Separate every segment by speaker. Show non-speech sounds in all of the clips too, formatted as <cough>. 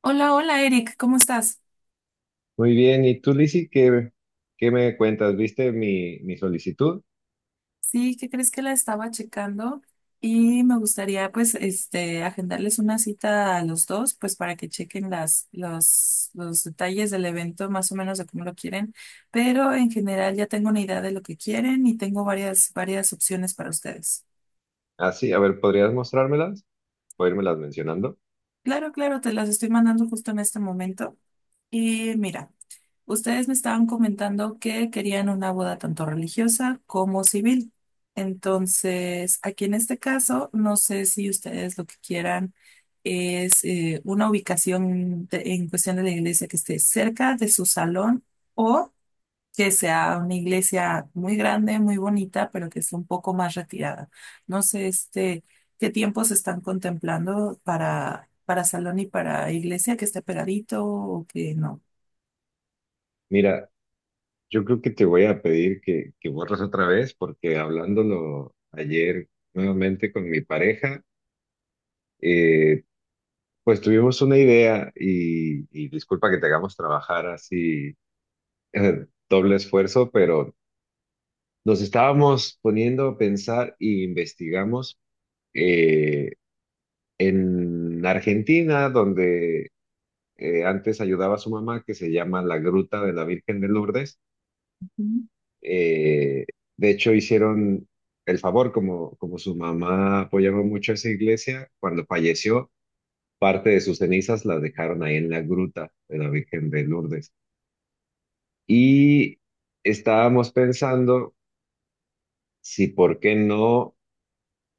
Speaker 1: Hola, hola Eric, ¿cómo estás?
Speaker 2: Muy bien, ¿y tú, Lizzy, qué me cuentas? ¿Viste mi solicitud?
Speaker 1: Sí, ¿qué crees que la estaba checando? Y me gustaría pues agendarles una cita a los dos pues para que chequen los detalles del evento más o menos de cómo lo quieren, pero en general ya tengo una idea de lo que quieren y tengo varias opciones para ustedes.
Speaker 2: Ah, sí, a ver, ¿podrías mostrármelas o írmelas mencionando?
Speaker 1: Claro, claro, te las estoy mandando justo en este momento. Y mira, ustedes me estaban comentando que querían una boda tanto religiosa como civil. Entonces, aquí en este caso, no sé si ustedes lo que quieran es una ubicación en cuestión de la iglesia que esté cerca de su salón o que sea una iglesia muy grande, muy bonita, pero que esté un poco más retirada. No sé, qué tiempos están contemplando para salón y para iglesia, que esté pegadito o que no.
Speaker 2: Mira, yo creo que te voy a pedir que borres otra vez porque hablándolo ayer nuevamente con mi pareja, eh, pues tuvimos una idea y disculpa que te hagamos trabajar así, doble esfuerzo, pero nos estábamos poniendo a pensar y investigamos. eh, en Argentina, donde antes ayudaba a su mamá, que se llama la Gruta de la Virgen de Lourdes.
Speaker 1: Ujú.
Speaker 2: Eh, de hecho, hicieron el favor, como su mamá apoyaba mucho a esa iglesia, cuando falleció, parte de sus cenizas las dejaron ahí en la Gruta de la Virgen de Lourdes. Y estábamos pensando si, ¿por qué no?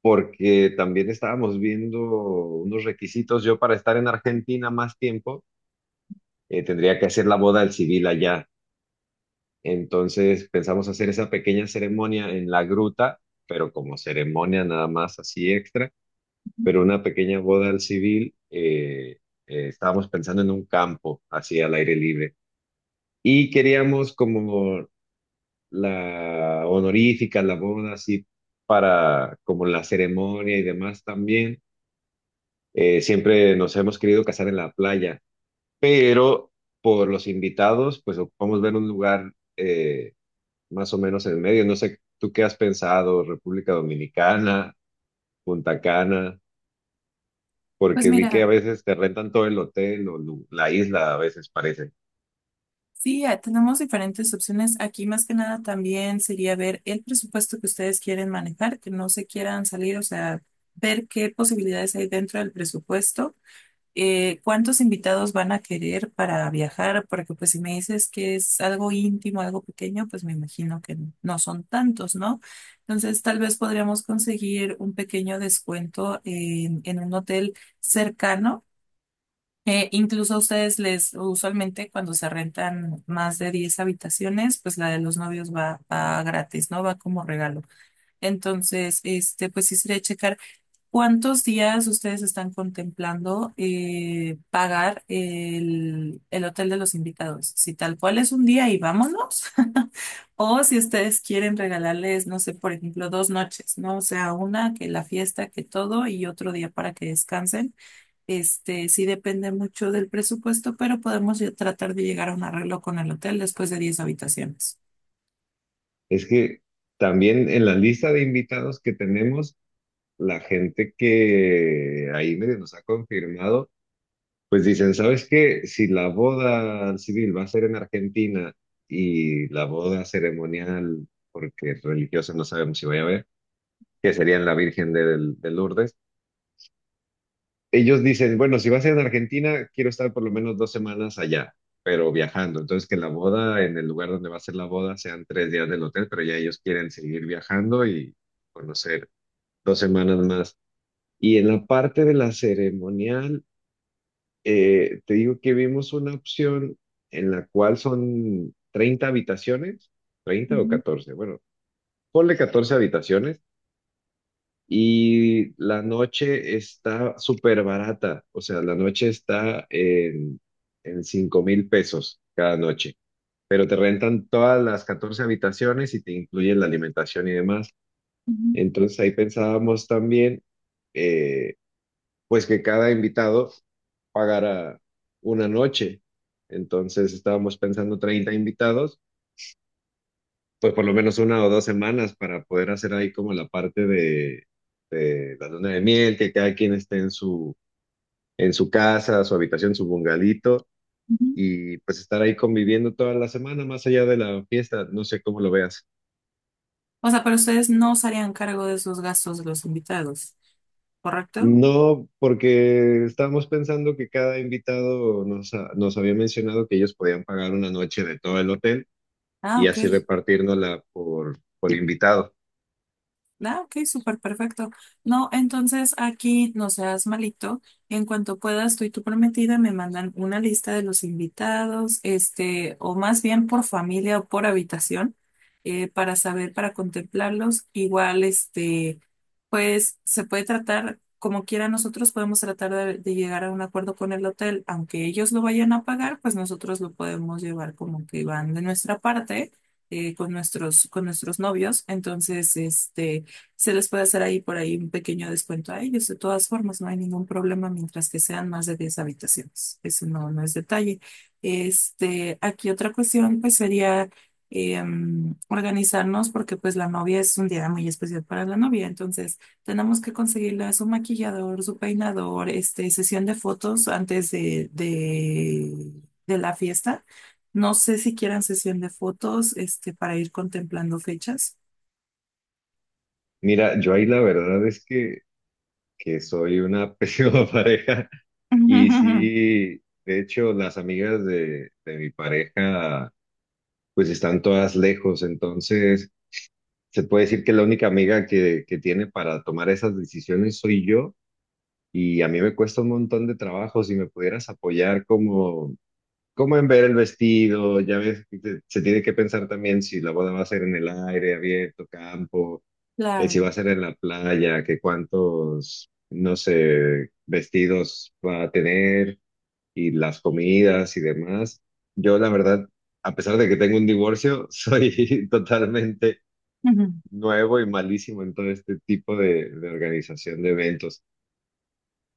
Speaker 2: Porque también estábamos viendo unos requisitos yo para estar en Argentina más tiempo tendría que hacer la boda al civil allá. Entonces pensamos hacer esa pequeña ceremonia en la gruta, pero como ceremonia nada más así extra, pero una pequeña boda al civil, estábamos pensando en un campo, así al aire libre. Y queríamos como la honorífica, la boda así para como la ceremonia y demás también. Siempre nos hemos querido casar en la playa, pero por los invitados, pues ocupamos ver un lugar más o menos en el medio. No sé, ¿tú qué has pensado? República Dominicana, Punta Cana,
Speaker 1: Pues
Speaker 2: porque vi que a
Speaker 1: mira,
Speaker 2: veces te rentan todo el hotel o la isla, a veces parece.
Speaker 1: sí, tenemos diferentes opciones. Aquí más que nada también sería ver el presupuesto que ustedes quieren manejar, que no se quieran salir, o sea, ver qué posibilidades hay dentro del presupuesto ¿cuántos invitados van a querer para viajar? Porque pues si me dices que es algo íntimo, algo pequeño, pues me imagino que no son tantos, ¿no? Entonces tal vez podríamos conseguir un pequeño descuento en un hotel cercano. Incluso a ustedes usualmente cuando se rentan más de 10 habitaciones, pues la de los novios va gratis, ¿no? Va como regalo. Entonces, pues sí sería checar. ¿Cuántos días ustedes están contemplando pagar el hotel de los invitados? Si tal cual es un día y vámonos, <laughs> o si ustedes quieren regalarles, no sé, por ejemplo, 2 noches, ¿no? O sea, una que la fiesta, que todo, y otro día para que descansen. Sí depende mucho del presupuesto, pero podemos ya tratar de llegar a un arreglo con el hotel después de 10 habitaciones.
Speaker 2: Es que también en la lista de invitados que tenemos, la gente que ahí medio nos ha confirmado, pues dicen, ¿sabes qué? Si la boda civil va a ser en Argentina y la boda ceremonial, porque religiosa no sabemos si voy a ver, que sería en la Virgen de Lourdes, ellos dicen, bueno, si va a ser en Argentina, quiero estar por lo menos 2 semanas allá, pero viajando. Entonces, que la boda, en el lugar donde va a ser la boda, sean 3 días del hotel, pero ya ellos quieren seguir viajando y conocer 2 semanas más. Y en la parte de la ceremonial, te digo que vimos una opción en la cual son 30 habitaciones, 30 o 14. Bueno, ponle 14 habitaciones. Y la noche está súper barata, o sea, la noche está en 5,000 pesos cada noche, pero te rentan todas las 14 habitaciones y te incluyen la alimentación y demás. Entonces ahí pensábamos también, eh, pues que cada invitado pagara una noche. Entonces estábamos pensando 30 invitados pues por lo menos una o dos semanas para poder hacer ahí como la parte de, la luna de miel, que cada quien esté en su casa, su habitación, su bungalito,
Speaker 1: Ujú.
Speaker 2: y pues estar ahí conviviendo toda la semana, más allá de la fiesta, no sé cómo lo veas.
Speaker 1: O sea, pero ustedes no se harían cargo de esos gastos de los invitados, ¿correcto?
Speaker 2: No, porque estábamos pensando que cada invitado nos había mencionado que ellos podían pagar una noche de todo el hotel
Speaker 1: Ah,
Speaker 2: y
Speaker 1: ok.
Speaker 2: así repartirnosla por invitado.
Speaker 1: Ah, ok, súper perfecto. No, entonces aquí no seas malito. En cuanto puedas, tú y tu prometida me mandan una lista de los invitados, o más bien por familia o por habitación, para saber, para contemplarlos. Igual, pues se puede tratar, como quiera, nosotros podemos tratar de llegar a un acuerdo con el hotel, aunque ellos lo vayan a pagar, pues nosotros lo podemos llevar como que van de nuestra parte. Con nuestros novios. Entonces, se les puede hacer ahí por ahí un pequeño descuento a ellos. De todas formas, no hay ningún problema mientras que sean más de 10 habitaciones. Eso no es detalle. Aquí otra cuestión pues sería organizarnos porque pues la novia es un día muy especial para la novia. Entonces, tenemos que conseguirle su maquillador, su peinador, sesión de fotos antes de la fiesta. No sé si quieran sesión de fotos, para ir contemplando fechas.
Speaker 2: Mira, yo ahí la verdad es que soy una <laughs> pésima pareja. Y
Speaker 1: <laughs>
Speaker 2: sí, de hecho, las amigas de mi pareja, pues están todas lejos, entonces se puede decir que la única amiga que tiene para tomar esas decisiones soy yo, y a mí me cuesta un montón de trabajo si me pudieras apoyar como en ver el vestido, ya ves, que se tiene que pensar también si la boda va a ser en el aire, abierto, campo, si
Speaker 1: Claro.
Speaker 2: va a ser en la playa, que cuántos, no sé, vestidos va a tener y las comidas y demás. Yo, la verdad, a pesar de que tengo un divorcio, soy <laughs> totalmente
Speaker 1: Ujú.
Speaker 2: nuevo y malísimo en todo este tipo de organización de eventos.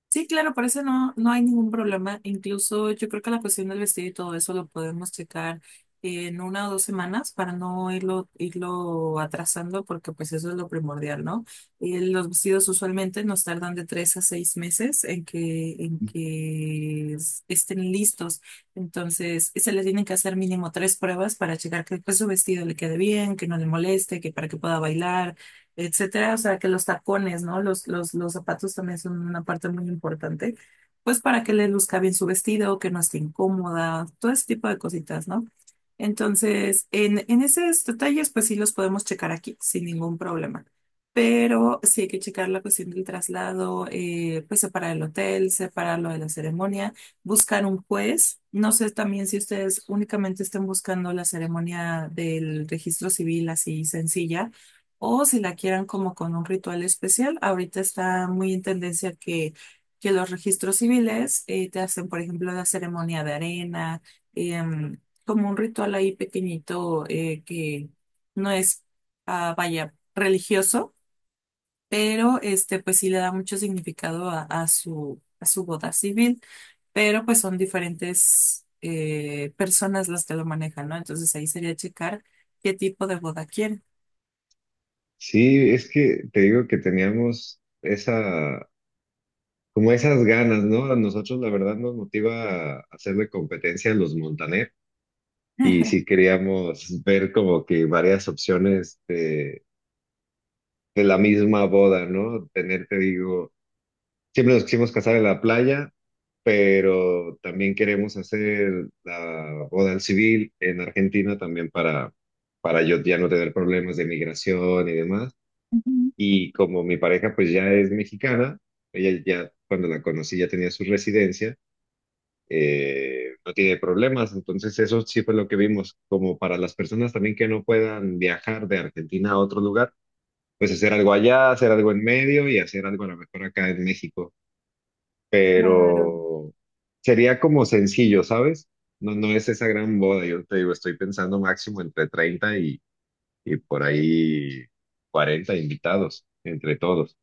Speaker 1: Sí, claro, por eso no hay ningún problema. Incluso yo creo que la cuestión del vestido y todo eso lo podemos checar en una o 2 semanas para no irlo atrasando, porque pues eso es lo primordial, ¿no? Los vestidos usualmente nos tardan de 3 a 6 meses en que estén listos. Entonces, se le tienen que hacer mínimo tres pruebas para checar que pues, su vestido le quede bien, que no le moleste, que para que pueda bailar etcétera. O sea, que los tacones, ¿no? Los zapatos también son una parte muy importante, pues para que le luzca bien su vestido, que no esté incómoda, todo ese tipo de cositas, ¿no? Entonces, en esos detalles, pues sí los podemos checar aquí sin ningún problema. Pero sí hay que checar la cuestión del traslado, pues separar el hotel, separar lo de la ceremonia, buscar un juez. No sé también si ustedes únicamente estén buscando la ceremonia del registro civil así sencilla o si la quieran como con un ritual especial, ahorita está muy en tendencia que los registros civiles te hacen, por ejemplo, la ceremonia de arena, em, como un ritual ahí pequeñito que no es, ah, vaya, religioso, pero pues sí le da mucho significado a su boda civil, pero pues son diferentes personas las que lo manejan, ¿no? Entonces ahí sería checar qué tipo de boda quieren.
Speaker 2: Sí, es que te digo que teníamos como esas ganas, ¿no? A nosotros, la verdad, nos motiva a hacerle competencia a los Montaner y sí queríamos ver como que varias opciones de la misma boda, ¿no? Tener, te digo. Siempre nos quisimos casar en la playa, pero también queremos hacer la boda al civil en Argentina también para yo ya no tener problemas de migración y demás.
Speaker 1: Ujú.
Speaker 2: Y como mi pareja pues ya es mexicana, ella ya cuando la conocí ya tenía su residencia, no tiene problemas. Entonces eso sí fue lo que vimos, como para las personas también que no puedan viajar de Argentina a otro lugar, pues hacer algo allá, hacer algo en medio y hacer algo a lo mejor acá en México,
Speaker 1: Claro.
Speaker 2: pero sería como sencillo, ¿sabes? No, no es esa gran boda, yo te digo, estoy pensando máximo entre 30 y por ahí 40 invitados, entre todos,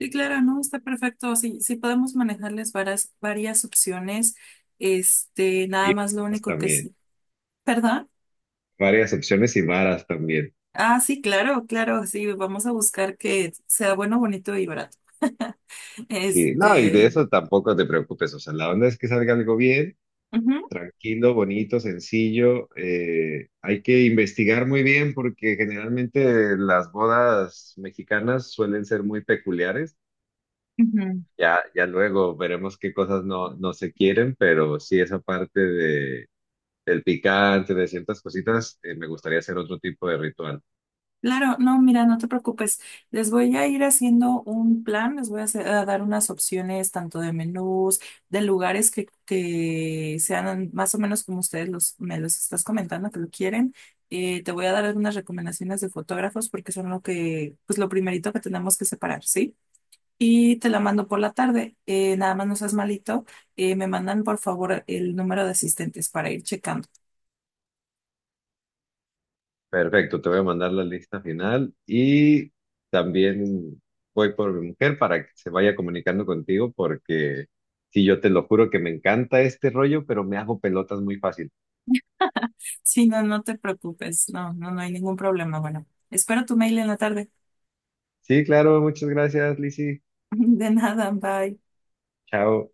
Speaker 1: Sí, claro, ¿no? Está perfecto. Sí, sí podemos manejarles varias opciones.
Speaker 2: y
Speaker 1: Nada más lo
Speaker 2: varas
Speaker 1: único que
Speaker 2: también,
Speaker 1: sí. ¿Perdón?
Speaker 2: varias opciones y varas también.
Speaker 1: Ah, sí, claro, claro. Sí, vamos a buscar que sea bueno, bonito y barato. <laughs>
Speaker 2: Sí, no, y de
Speaker 1: Este.
Speaker 2: eso tampoco te preocupes, o sea, la onda es que salga algo bien,
Speaker 1: Ujú,
Speaker 2: tranquilo, bonito, sencillo, hay que investigar muy bien porque generalmente las bodas mexicanas suelen ser muy peculiares.
Speaker 1: ujú.
Speaker 2: Ya, ya luego veremos qué cosas no, no se quieren, pero sí esa parte del picante, de ciertas cositas, me gustaría hacer otro tipo de ritual.
Speaker 1: Claro, no, mira, no te preocupes. Les voy a ir haciendo un plan, les voy a dar unas opciones tanto de menús, de lugares que sean más o menos como ustedes me los estás comentando que lo quieren. Te voy a dar algunas recomendaciones de fotógrafos porque son lo que, pues lo primerito que tenemos que separar, ¿sí? Y te la mando por la tarde. Nada más no seas malito. Me mandan por favor el número de asistentes para ir checando.
Speaker 2: Perfecto, te voy a mandar la lista final y también voy por mi mujer para que se vaya comunicando contigo porque sí, yo te lo juro que me encanta este rollo, pero me hago pelotas muy fácil.
Speaker 1: Sí, no, no te preocupes. No, no, no hay ningún problema. Bueno, espero tu mail en la tarde.
Speaker 2: Sí, claro, muchas gracias, Lizzy.
Speaker 1: <laughs> De nada, bye.
Speaker 2: Chao.